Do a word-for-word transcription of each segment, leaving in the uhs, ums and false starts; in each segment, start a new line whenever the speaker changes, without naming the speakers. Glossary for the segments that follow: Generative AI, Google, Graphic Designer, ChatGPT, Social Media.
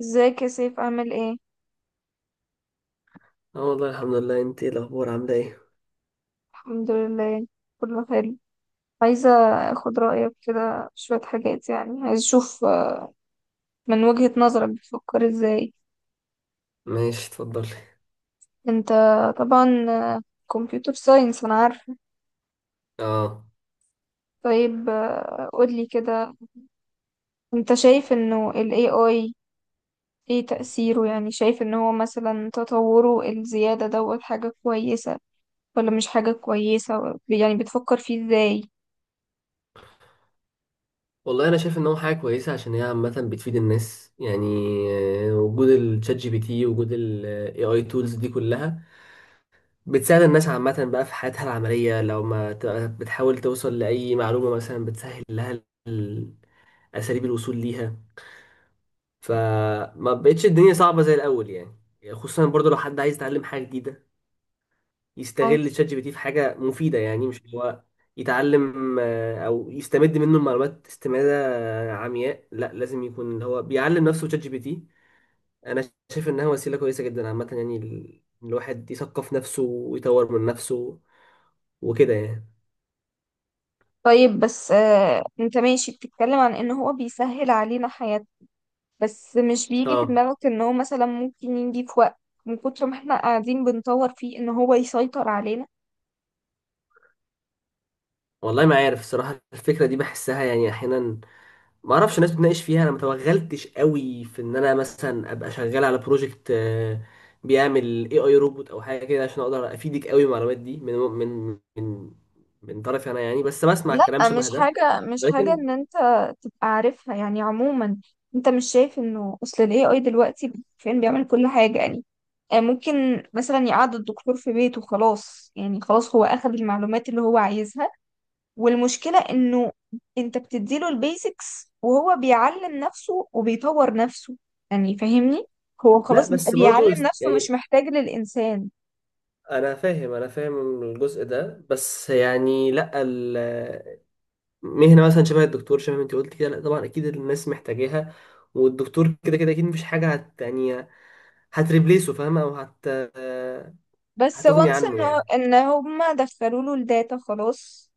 ازيك يا سيف؟ عامل ايه؟
اه والله، الحمد لله. انت ايه الاخبار؟ عامله ايه؟
الحمد لله، كله حلو. عايزة اخد رأيك كده في شوية حاجات، يعني عايز اشوف، آه، من وجهة نظرك بتفكر ازاي؟
ماشي، اتفضلي.
انت طبعا، آه، كمبيوتر ساينس، انا عارفة.
اه
طيب، آه، قولي كده، انت شايف انه ال إيه آي ايه تأثيره؟ يعني شايف ان هو مثلا تطوره الزيادة دوت حاجة كويسة ولا مش حاجة كويسة؟ يعني بتفكر فيه ازاي؟
والله، انا شايف ان هو حاجه كويسه عشان هي عامه بتفيد الناس يعني. آه، وجود الشات جي بي تي، وجود الاي اي تولز دي كلها بتساعد الناس عامه بقى في حياتها العمليه. لو ما ت- بتحاول توصل لاي معلومه مثلا، بتسهل لها ال- اساليب الوصول ليها، فما بقتش الدنيا صعبه زي الاول يعني. خصوصا برضو لو حد عايز يتعلم حاجه جديده، يستغل شات جي بي تي في حاجة مفيدة، يعني مش اللي هو يتعلم آه، او يستمد منه المعلومات استمادة آه، عمياء. لا، لازم يكون اللي هو بيعلم نفسه شات جي بي تي. انا شايف انها وسيلة كويسة جدا عامة، يعني ال- الواحد يثقف نفسه ويطور من نفسه وكده يعني.
طيب بس آه انت ماشي بتتكلم عن ان هو بيسهل علينا حياتنا، بس مش بيجي في
اه
دماغك ان هو مثلا ممكن يجي في وقت من كتر ما احنا قاعدين بنطور فيه ان هو يسيطر علينا؟
والله، ما عارف الصراحة، الفكرة دي بحسها يعني احيانا، ما اعرفش. الناس بتناقش فيها، انا ما توغلتش قوي في ان انا مثلا ابقى شغال على بروجكت آه، بيعمل اي اي روبوت او حاجه كده عشان اقدر افيدك قوي بالمعلومات دي من من من من طرفي انا يعني، بس بسمع الكلام
لا،
شبه
مش
ده
حاجة مش حاجة
لكن.
ان انت تبقى عارفها، يعني عموما. انت مش شايف انه اصل ال إيه آي دلوقتي فين؟ بيعمل كل حاجة يعني. آه ممكن مثلا يقعد الدكتور في بيته، خلاص يعني، خلاص هو اخذ المعلومات اللي هو عايزها. والمشكلة انه انت بتديله البيزكس، وهو بيعلم نفسه وبيطور نفسه، يعني فاهمني؟ هو
لا،
خلاص بيبقى
بس برضو
بيعلم
است-
نفسه،
يعني
مش محتاج للإنسان.
انا فاهم، انا فاهم الجزء ده. بس يعني لا، ال- مهنه مثلا شبه الدكتور، شبه ما انت قلت كده، لا طبعا اكيد الناس محتاجاها، والدكتور كده كده اكيد مفيش حاجه هت يعني هتريبليسه، فاهمه، او هت آه،
بس
هتغني
وانس
عنه
انه
يعني.
ان هما دخلوا له الداتا، خلاص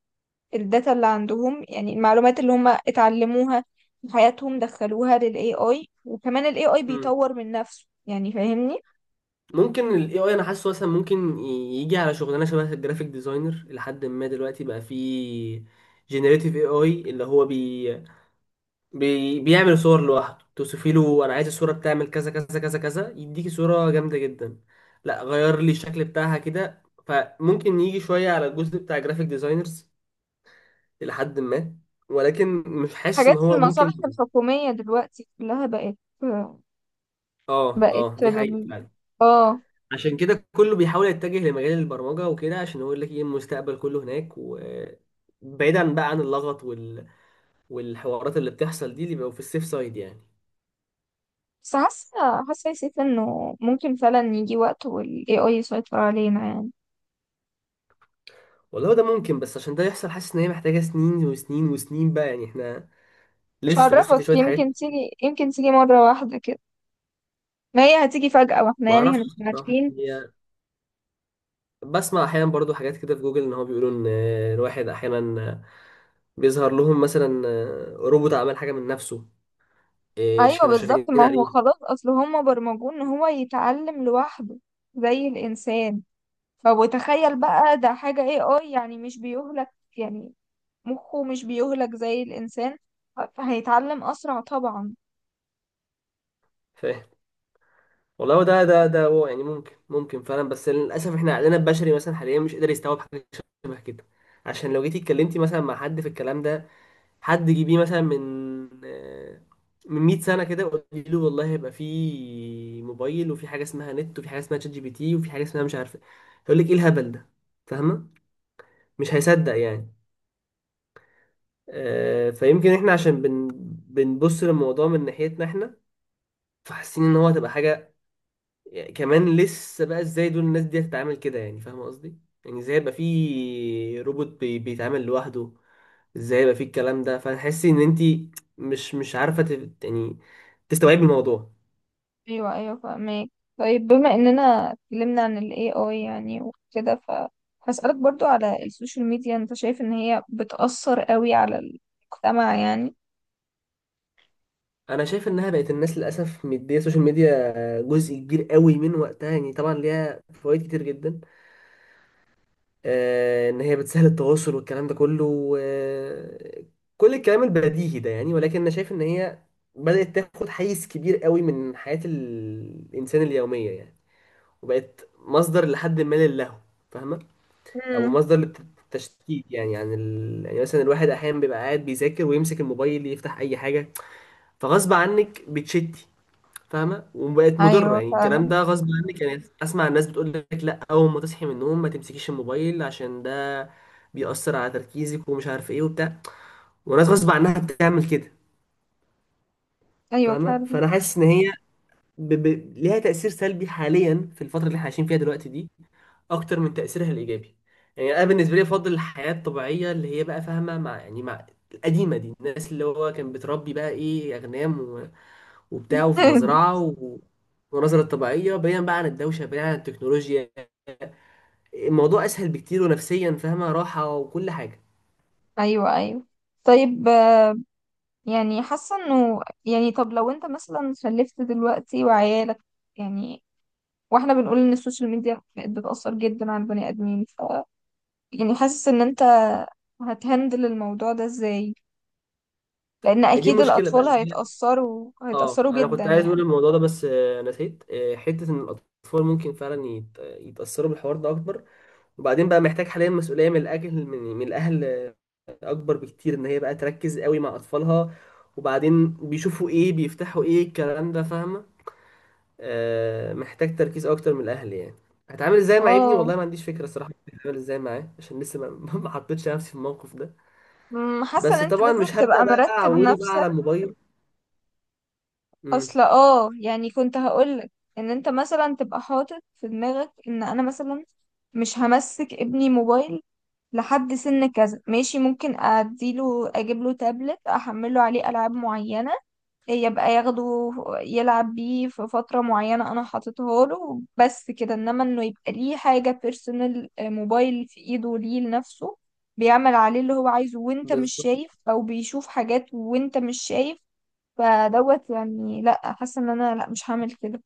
الداتا اللي عندهم، يعني المعلومات اللي هما اتعلموها في حياتهم دخلوها للاي اي، وكمان الاي اي
مم.
بيطور من نفسه، يعني فاهمني؟
ممكن ال إيه آي، انا حاسه مثلا ممكن ي- يجي على شغلانه شبه الجرافيك ديزاينر لحد ما. دلوقتي بقى فيه جينيريتيف إيه آي، اللي هو بي... بي... بيعمل صور لوحده، توصفي له انا عايز الصوره بتعمل كذا كذا كذا كذا، يديكي صوره جامده جدا. لا، غير لي الشكل بتاعها كده. فممكن يجي شويه على الجزء بتاع جرافيك ديزاينرز لحد ما، ولكن مش حاسس ان
حاجات
هو ممكن.
المصالح الحكومية دلوقتي كلها بقت
اه
بقت
اه، دي حقيقه
بال...
فعلا.
اه،
عشان كده كله بيحاول يتجه لمجال البرمجة وكده، عشان هو يقول لك ايه المستقبل كله هناك، وبعيدا بقى عن اللغط وال... والحوارات اللي بتحصل دي، اللي بيبقوا في السيف سايد يعني.
بس حاسة حاسة يا سيف انه ممكن فعلا يجي وقت وال إيه آي يسيطر علينا يعني.
والله ده ممكن، بس عشان ده يحصل حاسس ان هي محتاجة سنين وسنين وسنين بقى يعني. احنا
مش
لسه لسه في
هعرفك،
شوية حاجات.
يمكن تيجي يمكن تيجي مرة واحدة كده. ما هي هتيجي فجأة واحنا
ما
يعني
اعرفش
هنبقى
الصراحة،
عارفين.
هي بسمع احيانا برضو حاجات كده في جوجل، ان هو بيقولوا ان الواحد احيانا بيظهر لهم مثلا روبوت عمل حاجة من نفسه، إيه،
ايوه،
كانوا شغالين
بالظبط، ما هو
عليه.
خلاص اصل هما برمجوه ان هو يتعلم لوحده، زي الانسان. طب وتخيل بقى ده حاجة إيه آي، يعني مش بيهلك، يعني مخه مش بيهلك زي الانسان، فهيتعلم اسرع طبعا.
فاهم. والله هو ده ده ده هو يعني، ممكن ممكن فعلا، بس للاسف احنا عقلنا البشري مثلا حاليا مش قادر يستوعب حاجه شبه كده. عشان لو جيتي اتكلمتي مثلا مع حد في الكلام ده، حد جيبيه مثلا من آه، من مئة سنه كده، وقولي له والله هيبقى في موبايل وفي حاجه اسمها نت وفي حاجه اسمها شات جي بي تي وفي حاجه اسمها مش عارفه، هيقول لك ايه الهبل ده؟ فاهمه؟ مش هيصدق يعني. آه، فيمكن احنا عشان بن بنبص للموضوع من ناحيتنا احنا، فحاسين ان هو هتبقى حاجه يعني. كمان لسه بقى، ازاي دول الناس دي هتتعامل كده؟ يعني فاهم قصدي، يعني ازاي يبقى في روبوت بي بيتعامل لوحده، ازاي يبقى في الكلام ده؟ فتحسي ان انت مش مش عارفه تف- يعني تستوعبي الموضوع.
ايوه، ايوه، فاهمك. طيب، بما اننا اتكلمنا عن ال إيه آي يعني وكده، فهسألك برضو على السوشيال ميديا، انت شايف ان هي بتأثر قوي على المجتمع يعني؟
انا شايف انها بقت، الناس للاسف مديه السوشيال ميديا جزء كبير قوي من وقتها يعني. طبعا ليها فوائد كتير جدا، آه، ان هي بتسهل التواصل والكلام ده كله و- كل الكلام البديهي ده يعني. ولكن انا شايف ان هي بدأت تاخد حيز كبير قوي من حياة ال- الانسان اليومية يعني، وبقت مصدر لحد ما للهو. فاهمة؟ او
امم.
مصدر للتشتيت يعني، عن ال... يعني مثلا الواحد احيانا بيبقى قاعد بيذاكر ويمسك الموبايل يفتح اي حاجة، فغصب عنك بتشتي. فاهمه؟ وبقت مضره
ايوه،
يعني. الكلام
فعلا.
ده غصب عنك يعني. اسمع الناس بتقول لك لا، اول ما تصحي من النوم ما تمسكيش الموبايل عشان ده بيأثر على تركيزك، ومش عارف ايه وبتاع، وناس غصب عنها بتعمل كده.
ايوه،
فاهمه؟
فعلا.
فانا حاسس ان هي ب... ب... ليها تأثير سلبي حاليا في الفتره اللي احنا عايشين فيها دلوقتي دي، اكتر من تأثيرها الايجابي يعني. انا بالنسبه لي افضل الحياه الطبيعيه، اللي هي بقى، فاهمه، مع يعني مع القديمه دي، الناس اللي هو كان بتربي بقى ايه اغنام وبتاع، وفي مزرعة و- والمناظر الطبيعية، بعيدا بقى عن الدوشة، بعيدا عن التكنولوجيا. الموضوع أسهل بكتير، ونفسيا فاهمة راحة وكل حاجة.
ايوه، ايوه. طيب، آه، يعني حاسه انه، يعني، طب لو انت مثلا خلفت دلوقتي وعيالك، يعني، واحنا بنقول ان السوشيال ميديا بقت بتأثر جدا على البني ادمين، ف يعني حاسس ان انت هتهندل الموضوع ده ازاي؟ لان
هي دي
اكيد
المشكلة بقى،
الاطفال
إن هي
هيتاثروا
آه
هيتاثروا
أنا
جدا
كنت عايز أقول
يعني.
الموضوع ده بس آه، نسيت، آه، حتة إن الأطفال ممكن فعلا يت- يتأثروا بالحوار ده أكبر. وبعدين بقى محتاج حاليا مسؤولية من الأهل، من, من الأهل آه، أكبر بكتير، إن هي بقى تركز قوي مع أطفالها، وبعدين بيشوفوا إيه بيفتحوا إيه الكلام ده. فاهمة؟ آه، محتاج تركيز اكتر من الاهل يعني. هتعامل ازاي مع ابني؟
اه.
والله ما عنديش فكره صراحه هتعامل ازاي معاه، عشان لسه ما ما حطيتش نفسي في الموقف ده.
أمم، حاسه ان
بس
انت
طبعا
لازم
مش هبدا
تبقى
بقى
مرتب
اعوده بقى
نفسك
على الموبايل. امم
اصلا. اه يعني كنت هقولك ان انت مثلا تبقى حاطط في دماغك ان انا مثلا مش همسك ابني موبايل لحد سن كذا. ماشي، ممكن اديله، اجيب له تابلت احمله عليه العاب معينه، يبقى ياخده يلعب بيه في فترة معينة أنا حاططها له، بس كده. إنما إنه يبقى ليه حاجة بيرسونال، موبايل في إيده ليه لنفسه، بيعمل عليه اللي هو عايزه وأنت مش
بالظبط.
شايف، أو بيشوف حاجات وأنت مش شايف. فدوت يعني لأ، حاسة إن أنا لأ، مش هعمل كده.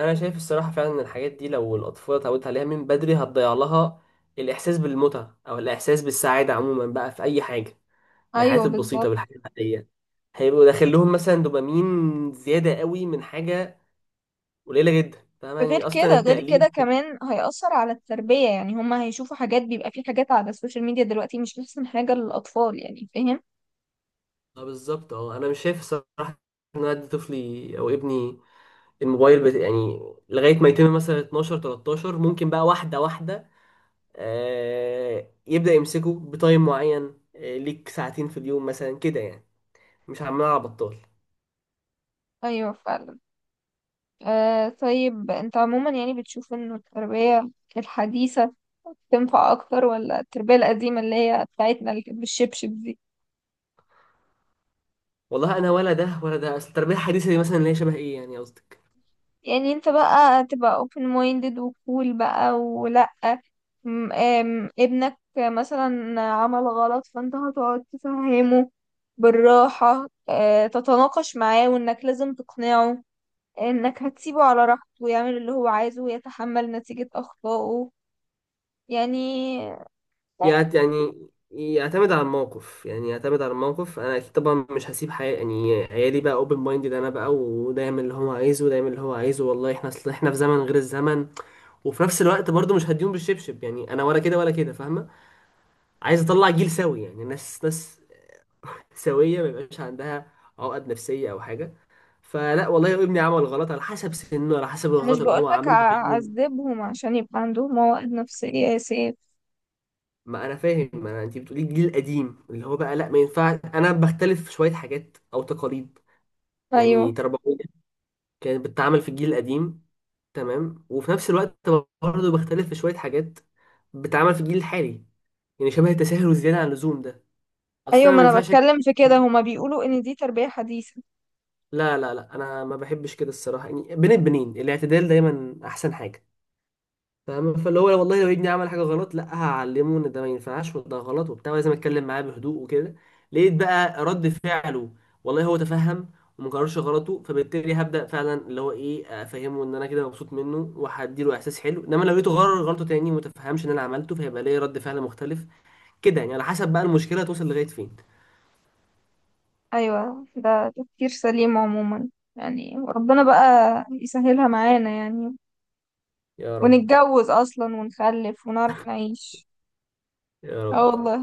انا شايف الصراحه فعلا ان الحاجات دي لو الاطفال اتعودت عليها من بدري، هتضيع لها الاحساس بالمتعه، او الاحساس بالسعاده عموما بقى في اي حاجه، بالحاجات
أيوه،
البسيطه،
بالظبط.
بالحاجات العاديه. هيبقوا داخل لهم مثلا دوبامين زياده قوي من حاجه قليله جدا. فاهم يعني،
غير
اصلا
كده، غير كده
التقليد.
كمان هيأثر على التربية، يعني هما هيشوفوا حاجات، بيبقى في حاجات على السوشيال ميديا دلوقتي مش أحسن حاجة للأطفال، يعني فاهم؟
اه بالظبط. اه، انا مش شايف الصراحه ان انا ادي طفلي او ابني الموبايل بت... يعني لغايه ما يتم مثلا اثنا عشر ثلاثة عشر، ممكن بقى واحده واحده آه يبدا يمسكه بتايم معين، آه ليك ساعتين في اليوم مثلا كده يعني، مش عمال على بطال.
أيوه، فعلا. آه طيب انت عموما يعني بتشوف انه التربية الحديثة تنفع اكتر، ولا التربية القديمة اللي هي بتاعتنا اللي كانت بالشبشب دي؟
والله انا ولا ده ولا ده. اصل التربيه الحديثه دي مثلا، اللي هي شبه ايه يعني قصدي،
يعني انت بقى تبقى open minded وكول بقى، ولا م- آم، ابنك مثلا عمل غلط فانت هتقعد تفهمه بالراحة، آه، تتناقش معاه، وانك لازم تقنعه، انك هتسيبه على راحته ويعمل اللي هو عايزه ويتحمل نتيجة اخطائه يعني؟
يعت- يعني يعتمد على الموقف، يعني يعتمد على الموقف. انا اكيد طبعا مش هسيب حي... يعني عيالي بقى اوبن مايندد انا بقى، وده يعمل اللي هو عايزه وده يعمل اللي هو عايزه. والله احنا، اصل احنا في زمن غير الزمن. وفي نفس الوقت برضو مش هديهم بالشبشب يعني، انا ولا كده ولا كده. فاهمه؟ عايز اطلع جيل سوي، يعني ناس ناس سويه، ما يبقاش عندها عقد نفسيه او حاجه. فلا والله، ابني عمل غلط، على حسب سنه، على حسب
مش
الغلط اللي هو
بقولك
عمله. فاهمني؟
اعذبهم عشان يبقى عندهم مواد نفسية يا سيف.
ما انا فاهم، ما انا انت بتقولي الجيل القديم اللي هو بقى لا ما ينفعش. انا بختلف في شويه حاجات او تقاليد يعني
ايوه،
تربويه كانت بتتعمل في الجيل القديم، تمام. وفي نفس الوقت برضه بختلف في شويه حاجات بتتعمل في الجيل الحالي، يعني شبه التساهل والزياده عن اللزوم ده. اصلا
ايوه،
انا
ما
ما
انا
ينفعش أك-
بتكلم في كده،
مش-
هما بيقولوا ان دي تربية حديثة.
لا لا لا، انا ما بحبش كده الصراحه يعني. بين البنين الاعتدال دايما احسن حاجه. فاهم؟ فاللي هو والله لو ابني عمل حاجه غلط، لا هعلمه ان ده ما ينفعش وده غلط وبتاع، ولازم اتكلم معاه بهدوء وكده. لقيت بقى رد فعله، والله هو تفهم وما كررش غلطه، فبالتالي هبدا فعلا اللي هو ايه افهمه ان انا كده مبسوط منه، وهديله احساس حلو. انما لو لقيته غرر غلطه تاني وما تفهمش ان انا عملته، فهيبقى ليا رد فعل مختلف كده يعني، على حسب بقى المشكله توصل لغايه فين.
ايوه، ده تفكير سليم عموما، يعني ربنا بقى يسهلها معانا يعني،
يا رب،
ونتجوز اصلا ونخلف ونعرف نعيش.
يا
اه
رب.
والله.